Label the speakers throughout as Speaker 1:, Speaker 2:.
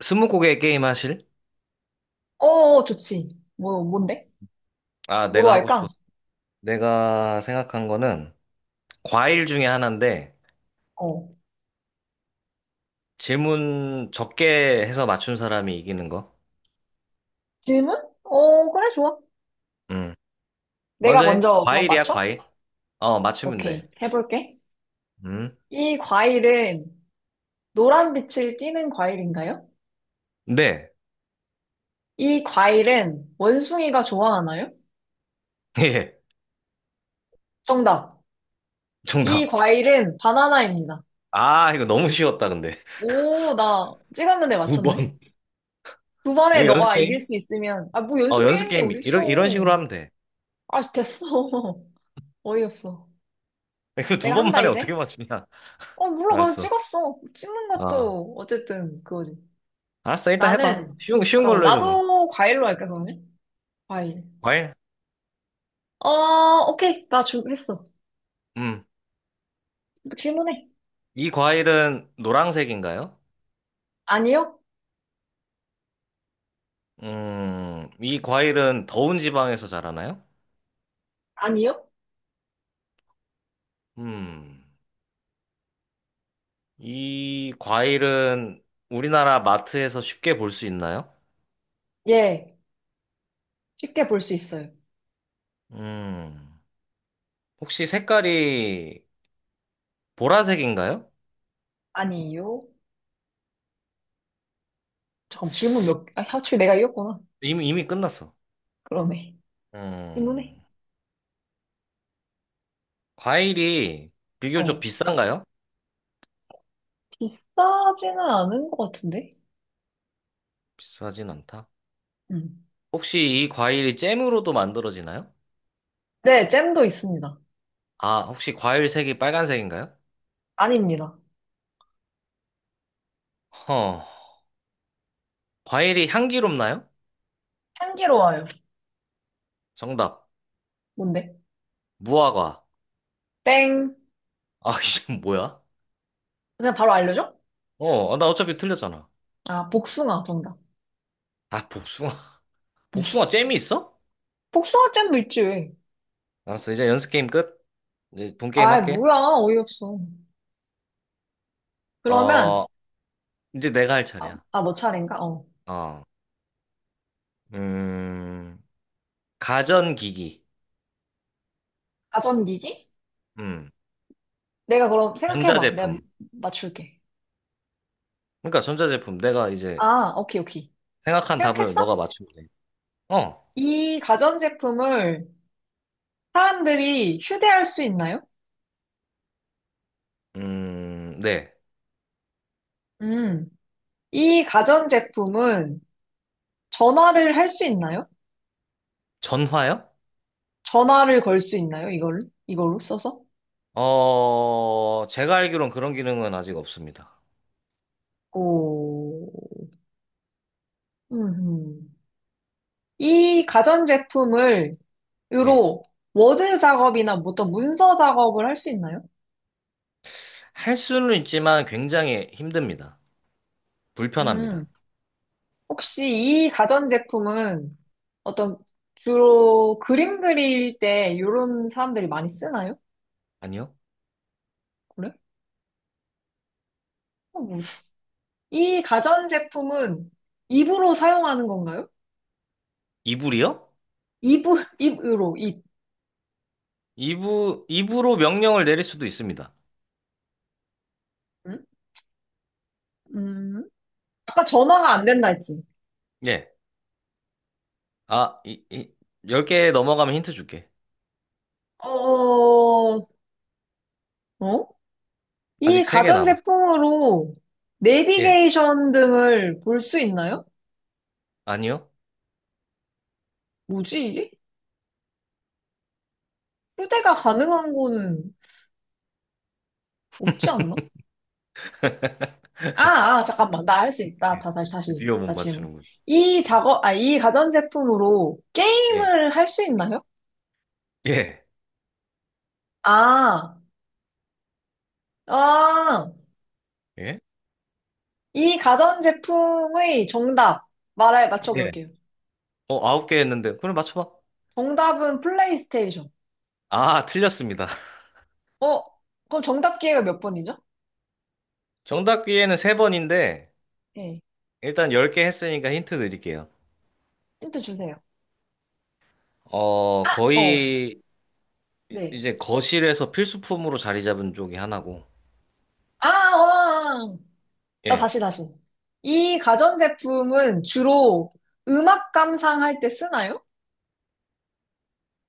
Speaker 1: 스무고개 게임 하실?
Speaker 2: 어, 어, 어, 좋지. 뭔데?
Speaker 1: 아,
Speaker 2: 뭐로
Speaker 1: 내가 하고
Speaker 2: 할까?
Speaker 1: 싶어서. 내가 생각한 거는 과일 중에 하나인데
Speaker 2: 어.
Speaker 1: 질문 적게 해서 맞춘 사람이 이기는 거.
Speaker 2: 질문? 어, 그래, 좋아.
Speaker 1: 음.
Speaker 2: 내가
Speaker 1: 먼저 해.
Speaker 2: 먼저 그럼
Speaker 1: 과일이야,
Speaker 2: 맞춰?
Speaker 1: 과일. 어, 맞추면
Speaker 2: 오케이.
Speaker 1: 돼.
Speaker 2: 해볼게.
Speaker 1: 음.
Speaker 2: 이 과일은 노란 빛을 띠는 과일인가요?
Speaker 1: 네.
Speaker 2: 이 과일은 원숭이가 좋아하나요?
Speaker 1: 예.
Speaker 2: 정답. 이
Speaker 1: 정답.
Speaker 2: 과일은 바나나입니다.
Speaker 1: 아, 이거 너무 쉬웠다, 근데.
Speaker 2: 오, 나 찍었는데
Speaker 1: 두
Speaker 2: 맞췄네.
Speaker 1: 번.
Speaker 2: 두 번에
Speaker 1: 이거 연습
Speaker 2: 너가 이길
Speaker 1: 게임?
Speaker 2: 수 있으면, 아, 뭐
Speaker 1: 어,
Speaker 2: 연습
Speaker 1: 연습
Speaker 2: 게임이
Speaker 1: 게임. 이런, 이런
Speaker 2: 어딨어.
Speaker 1: 식으로 하면 돼.
Speaker 2: 아, 됐어. 어이없어.
Speaker 1: 이거 두
Speaker 2: 내가
Speaker 1: 번
Speaker 2: 한다,
Speaker 1: 만에 어떻게
Speaker 2: 이제.
Speaker 1: 맞추냐.
Speaker 2: 어, 몰라. 그냥
Speaker 1: 알았어.
Speaker 2: 찍었어. 찍는
Speaker 1: 아.
Speaker 2: 것도 어쨌든 그거지.
Speaker 1: 알았어, 일단 해봐.
Speaker 2: 나는,
Speaker 1: 쉬운
Speaker 2: 잠깐만.
Speaker 1: 걸로 해줘, 그럼.
Speaker 2: 나도 과일로 할까, 그러면? 과일.
Speaker 1: 과일?
Speaker 2: 어, 오케이. 나 했어.
Speaker 1: 음.
Speaker 2: 질문해.
Speaker 1: 이 과일은 노란색인가요?
Speaker 2: 아니요?
Speaker 1: 이 과일은 더운 지방에서 자라나요?
Speaker 2: 아니요?
Speaker 1: 음, 이 과일은 우리나라 마트에서 쉽게 볼 수 있나요?
Speaker 2: 예. 쉽게 볼 수 있어요.
Speaker 1: 음, 혹시 색깔이 보라색인가요?
Speaker 2: 아니요? 잠깐, 질문 아, 하추 내가 이겼구나.
Speaker 1: 이미 끝났어.
Speaker 2: 그러네. 질문해.
Speaker 1: 음, 과일이 비교적
Speaker 2: 어.
Speaker 1: 비싼가요?
Speaker 2: 비싸지는 않은 것 같은데?
Speaker 1: 비싸진 않다.
Speaker 2: 음.
Speaker 1: 혹시 이 과일이 잼으로도 만들어지나요?
Speaker 2: 네, 잼도 있습니다.
Speaker 1: 아, 혹시 과일 색이 빨간색인가요?
Speaker 2: 아닙니다.
Speaker 1: 허, 과일이 향기롭나요?
Speaker 2: 향기로워요.
Speaker 1: 정답,
Speaker 2: 뭔데?
Speaker 1: 무화과.
Speaker 2: 땡.
Speaker 1: 아, 이건 뭐야?
Speaker 2: 그냥 바로 알려줘?
Speaker 1: 어, 아, 나 어차피 틀렸잖아.
Speaker 2: 아, 복숭아 정답.
Speaker 1: 아, 복숭아. 복숭아 잼이 있어?
Speaker 2: 복숭아잼도 있지,
Speaker 1: 알았어, 이제 연습 게임 끝. 이제 본 게임
Speaker 2: 아이,
Speaker 1: 할게.
Speaker 2: 뭐야, 어이없어. 그러면,
Speaker 1: 어, 이제 내가 할
Speaker 2: 아,
Speaker 1: 차례야.
Speaker 2: 아, 너 차례인가? 어.
Speaker 1: 어, 음, 가전기기.
Speaker 2: 가전기기?
Speaker 1: 음,
Speaker 2: 내가 그럼 생각해봐. 내가
Speaker 1: 전자제품.
Speaker 2: 맞출게.
Speaker 1: 그러니까 전자제품. 내가 이제
Speaker 2: 아, 오케이, 오케이.
Speaker 1: 생각한 답을
Speaker 2: 생각했어?
Speaker 1: 너가 맞추면 돼. 어,
Speaker 2: 이 가전제품을 사람들이 휴대할 수 있나요?
Speaker 1: 네.
Speaker 2: 음. 이 가전제품은 전화를 할 수 있나요?
Speaker 1: 전화요?
Speaker 2: 전화를 걸 수 있나요? 이걸로 써서?
Speaker 1: 어, 제가 알기론 그런 기능은 아직 없습니다.
Speaker 2: 오. 음. 이 가전제품을 으
Speaker 1: 예.
Speaker 2: 로 워드 작업이나 뭐 어떤 문서 작업을 할 수 있나요?
Speaker 1: 할 수는 있지만 굉장히 힘듭니다. 불편합니다.
Speaker 2: 음, 혹시 이 가전제품은 어떤 주로 그림 그릴 때 이런 사람들이 많이 쓰나요?
Speaker 1: 아니요?
Speaker 2: 그래? 어, 뭐지? 이 가전제품은 입으로 사용하는 건가요?
Speaker 1: 이불이요?
Speaker 2: 입을, 입으로, 입.
Speaker 1: 2부, 2부로 명령을 내릴 수도 있습니다.
Speaker 2: 응? 음, 아까 전화가 안 된다 했지?
Speaker 1: 예. 아, 10개 넘어가면 힌트 줄게.
Speaker 2: 어, 어? 어? 이
Speaker 1: 아직 3개 남았어.
Speaker 2: 가전제품으로
Speaker 1: 예.
Speaker 2: 내비게이션 등을 볼 수 있나요?
Speaker 1: 아니요?
Speaker 2: 뭐지, 이게? 후대가 가능한 거는 없지 않나? 아, 아, 잠깐만. 나 할 수 있다.
Speaker 1: 예.
Speaker 2: 다시, 다시.
Speaker 1: 드디어 못
Speaker 2: 나 질문.
Speaker 1: 맞추는군. 음.
Speaker 2: 이 가전제품으로
Speaker 1: 예.
Speaker 2: 게임을 할 수 있나요?
Speaker 1: 예.
Speaker 2: 아, 아,
Speaker 1: 예?
Speaker 2: 이 가전제품의 정답. 말해,
Speaker 1: 예.
Speaker 2: 맞춰볼게요.
Speaker 1: 어, 9개 했는데. 그럼 맞춰봐.
Speaker 2: 정답은 플레이스테이션.
Speaker 1: 아, 틀렸습니다.
Speaker 2: 어, 그럼 정답 기회가 몇 번이죠?
Speaker 1: 정답 기회는 3번인데,
Speaker 2: 예.
Speaker 1: 일단 10개 했으니까 힌트 드릴게요.
Speaker 2: 힌트 주세요.
Speaker 1: 어,
Speaker 2: 어,
Speaker 1: 거의, 이-
Speaker 2: 네.
Speaker 1: 이제 거실에서 필수품으로 자리 잡은 쪽이 하나고,
Speaker 2: 아, 어, 아. 아. 나
Speaker 1: 예.
Speaker 2: 다시, 다시. 이 가전제품은 주로 음악 감상할 때 쓰나요?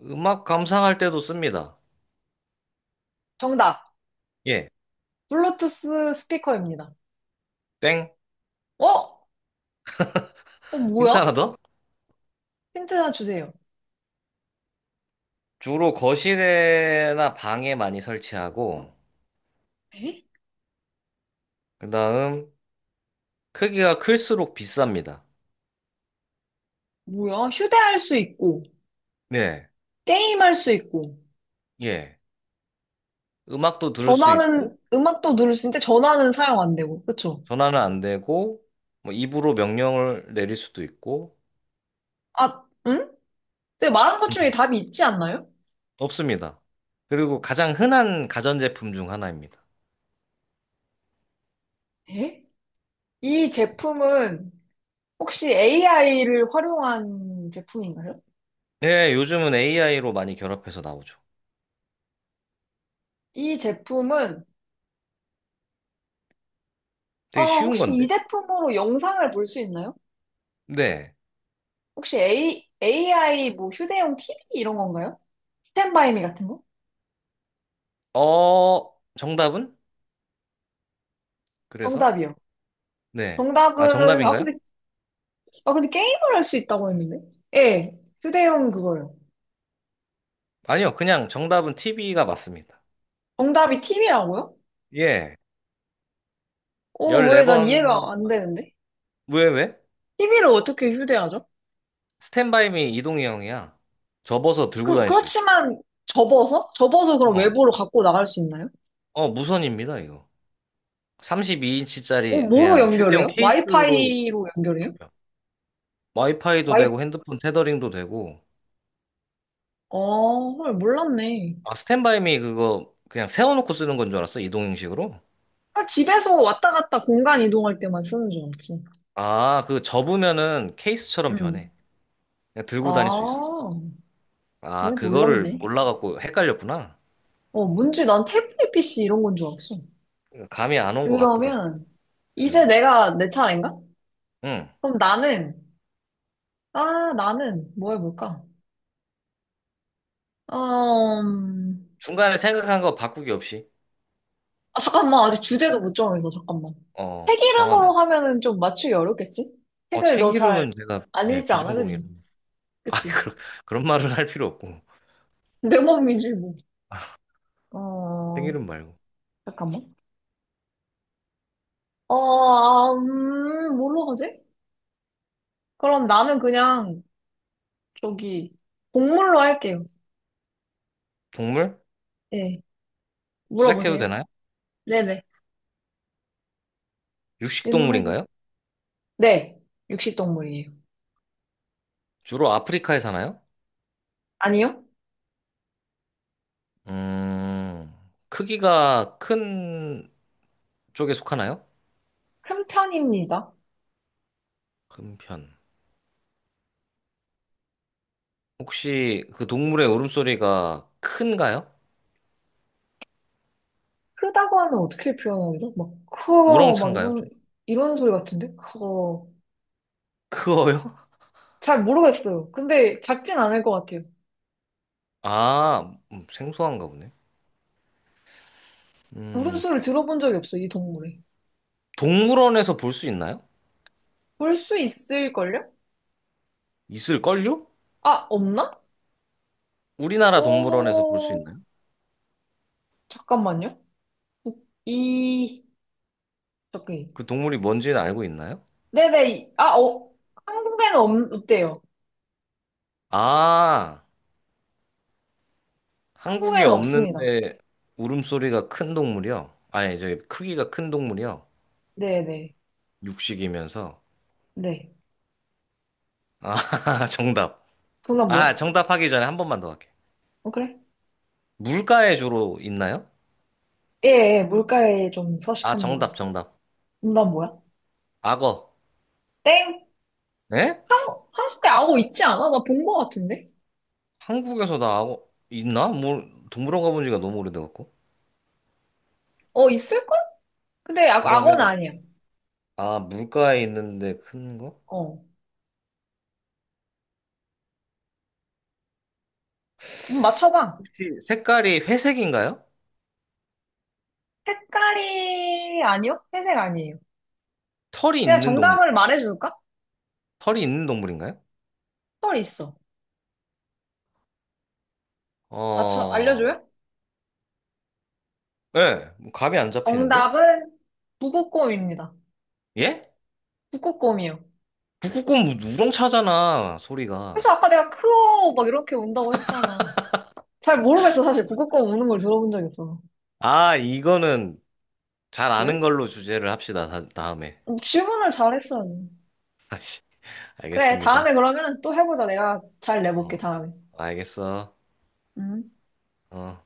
Speaker 1: 음악 감상할 때도 씁니다.
Speaker 2: 정답.
Speaker 1: 예.
Speaker 2: 블루투스 스피커입니다.
Speaker 1: 땡.
Speaker 2: 어? 어,
Speaker 1: 힌트
Speaker 2: 뭐야?
Speaker 1: 하나 더?
Speaker 2: 힌트 하나 주세요.
Speaker 1: 주로 거실에나 방에 많이 설치하고,
Speaker 2: 에?
Speaker 1: 그 다음, 크기가 클수록 비쌉니다.
Speaker 2: 뭐야? 휴대할 수 있고,
Speaker 1: 네,
Speaker 2: 게임할 수 있고,
Speaker 1: 예. 음악도 들을 수 있고,
Speaker 2: 전화는, 음악도 누를 수 있는데 전화는 사용 안 되고, 그쵸?
Speaker 1: 전화는 안 되고, 뭐 입으로 명령을 내릴 수도 있고,
Speaker 2: 아, 응? 근데 말한 것 중에
Speaker 1: 음,
Speaker 2: 답이 있지 않나요?
Speaker 1: 없습니다. 그리고 가장 흔한 가전제품 중 하나입니다.
Speaker 2: 에? 이 제품은 혹시 AI를 활용한 제품인가요?
Speaker 1: 네, 요즘은 AI로 많이 결합해서 나오죠.
Speaker 2: 이 제품은,
Speaker 1: 되게 쉬운
Speaker 2: 혹시
Speaker 1: 건데?
Speaker 2: 이 제품으로 영상을 볼 수 있나요?
Speaker 1: 네.
Speaker 2: 혹시 AI 뭐 휴대용 TV 이런 건가요? 스탠바이미 같은 거?
Speaker 1: 어, 정답은? 그래서?
Speaker 2: 정답이요.
Speaker 1: 네. 아,
Speaker 2: 정답은, 아,
Speaker 1: 정답인가요?
Speaker 2: 근데, 아, 근데 게임을 할 수 있다고 했는데? 예, 휴대용 그거요.
Speaker 1: 아니요, 그냥 정답은 TV가 맞습니다.
Speaker 2: 정답이 TV라고요?
Speaker 1: 예.
Speaker 2: 어, 왜 난
Speaker 1: 14번.
Speaker 2: 이해가 안 되는데?
Speaker 1: 왜?
Speaker 2: TV를 어떻게 휴대하죠?
Speaker 1: 스탠바이미 이동희 형이야. 접어서 들고
Speaker 2: 그,
Speaker 1: 다닐 수 있어.
Speaker 2: 그렇지만 접어서? 접어서 그럼
Speaker 1: 어.
Speaker 2: 외부로 갖고 나갈 수 있나요?
Speaker 1: 어, 무선입니다, 이거.
Speaker 2: 어,
Speaker 1: 32인치짜리
Speaker 2: 뭐로
Speaker 1: 그냥 휴대용
Speaker 2: 연결해요?
Speaker 1: 케이스로
Speaker 2: 와이파이로 연결해요?
Speaker 1: 잡혀. 와이파이도
Speaker 2: 와이,
Speaker 1: 되고 핸드폰 테더링도 되고.
Speaker 2: 어, 헐, 몰랐네.
Speaker 1: 아, 스탠바이미 그거 그냥 세워놓고 쓰는 건 줄 알았어, 이동형식으로?
Speaker 2: 아, 집에서 왔다 갔다 공간 이동할 때만 쓰는 줄 알았지.
Speaker 1: 아, 그 접으면은 케이스처럼
Speaker 2: 음.
Speaker 1: 변해. 그냥 들고 다닐 수 있어.
Speaker 2: 아, 네,
Speaker 1: 아, 그거를
Speaker 2: 몰랐네.
Speaker 1: 몰라갖고 헷갈렸구나.
Speaker 2: 어, 뭔지 난 태블릿 PC 이런 건 줄 알았어.
Speaker 1: 감이 안 온 것 같더라고.
Speaker 2: 그러면 이제
Speaker 1: 음.
Speaker 2: 내가 내 차례인가?
Speaker 1: 응.
Speaker 2: 그럼 나는 뭐 해볼까? 어, 음,
Speaker 1: 중간에 생각한 거 바꾸기 없이.
Speaker 2: 아, 잠깐만 아직 주제도 못 정해서 잠깐만
Speaker 1: 어,
Speaker 2: 책 이름으로
Speaker 1: 정하면.
Speaker 2: 하면은 좀 맞추기 어렵겠지?
Speaker 1: 어,
Speaker 2: 책을
Speaker 1: 책
Speaker 2: 너 잘
Speaker 1: 이름은 제가
Speaker 2: 안
Speaker 1: 네,
Speaker 2: 읽지 않아
Speaker 1: 비전공이라.
Speaker 2: 그지?
Speaker 1: 아,
Speaker 2: 그치?
Speaker 1: 그런 말은 할 필요 없고.
Speaker 2: 내 몸이지 뭐.
Speaker 1: 책
Speaker 2: 어
Speaker 1: 이름 말고.
Speaker 2: 잠깐만. 뭘로 하지? 그럼 나는 그냥 저기 동물로 할게요.
Speaker 1: 동물?
Speaker 2: 예
Speaker 1: 시작해도
Speaker 2: 물어보세요.
Speaker 1: 되나요?
Speaker 2: 네네
Speaker 1: 육식
Speaker 2: 질문해줘.
Speaker 1: 동물인가요?
Speaker 2: 네 육식동물이에요.
Speaker 1: 주로 아프리카에 사나요?
Speaker 2: 아니요?
Speaker 1: 음, 크기가 큰 쪽에 속하나요?
Speaker 2: 큰 편입니다.
Speaker 1: 큰 편. 혹시 그 동물의 울음소리가 큰가요?
Speaker 2: 크다고 하면 어떻게 표현하죠? 막, 크어, 막
Speaker 1: 우렁찬가요?
Speaker 2: 이런,
Speaker 1: 좀
Speaker 2: 이런 소리 같은데? 크어.
Speaker 1: 크어요?
Speaker 2: 잘 모르겠어요. 근데 작진 않을 것 같아요.
Speaker 1: 아, 생소한가 보네. 음,
Speaker 2: 울음소리 들어본 적이 없어요, 이 동물에.
Speaker 1: 동물원에서 볼 수 있나요?
Speaker 2: 볼 수 있을걸요?
Speaker 1: 있을걸요?
Speaker 2: 아, 없나?
Speaker 1: 우리나라 동물원에서 볼 수
Speaker 2: 어,
Speaker 1: 있나요?
Speaker 2: 잠깐만요. 이, 저기.
Speaker 1: 그 동물이 뭔지는 알고 있나요?
Speaker 2: 네네. 아, 한국에는 없대요.
Speaker 1: 아, 한국에
Speaker 2: 한국에는 없습니다.
Speaker 1: 없는데 울음소리가 큰 동물이요? 아니, 저 크기가 큰 동물이요?
Speaker 2: 네네.
Speaker 1: 육식이면서.
Speaker 2: 네.
Speaker 1: 아, 정답.
Speaker 2: 정답 뭐야?
Speaker 1: 아, 정답 하기 전에 한 번만 더 할게.
Speaker 2: 어, 그래?
Speaker 1: 물가에 주로 있나요?
Speaker 2: 예, 예, 물가에 좀
Speaker 1: 아,
Speaker 2: 서식합니다.
Speaker 1: 정답, 정답.
Speaker 2: 정답 뭐야?
Speaker 1: 악어.
Speaker 2: 땡!
Speaker 1: 에?
Speaker 2: 한, 한국에 악어 있지 않아? 나 본 거 같은데?
Speaker 1: 한국에서 나 악어 있나? 뭐, 동물원 가본 지가 너무 오래돼갖고.
Speaker 2: 어, 있을걸? 근데 악어는
Speaker 1: 그러면,
Speaker 2: 아니야.
Speaker 1: 아, 물가에 있는데 큰 거?
Speaker 2: 어. 맞춰봐.
Speaker 1: 혹시 색깔이 회색인가요?
Speaker 2: 색깔이 아니요? 회색 아니에요.
Speaker 1: 털이
Speaker 2: 그냥
Speaker 1: 있는 동물,
Speaker 2: 정답을 말해줄까?
Speaker 1: 털이 있는 동물인가요?
Speaker 2: 털이 있어. 맞춰,
Speaker 1: 어,
Speaker 2: 알려줘요?
Speaker 1: 예, 뭐 감이 안 잡히는데?
Speaker 2: 정답은 북극곰입니다.
Speaker 1: 예?
Speaker 2: 북극곰이요.
Speaker 1: 북극곰 우렁차잖아,
Speaker 2: 그래서
Speaker 1: 소리가.
Speaker 2: 아까 내가 크오 막 이렇게 운다고 했잖아. 잘 모르겠어, 사실. 북극곰 우는 걸 들어본 적이 없어.
Speaker 1: 아, 이거는 잘 아는
Speaker 2: 왜?
Speaker 1: 걸로 주제를 합시다, 다음에.
Speaker 2: 어, 질문을 잘했어.
Speaker 1: 아씨,
Speaker 2: 그래,
Speaker 1: 알겠습니다.
Speaker 2: 다음에 그러면 또 해보자. 내가 잘 내볼게,
Speaker 1: 어,
Speaker 2: 다음에.
Speaker 1: 알겠어.
Speaker 2: 음.
Speaker 1: 어.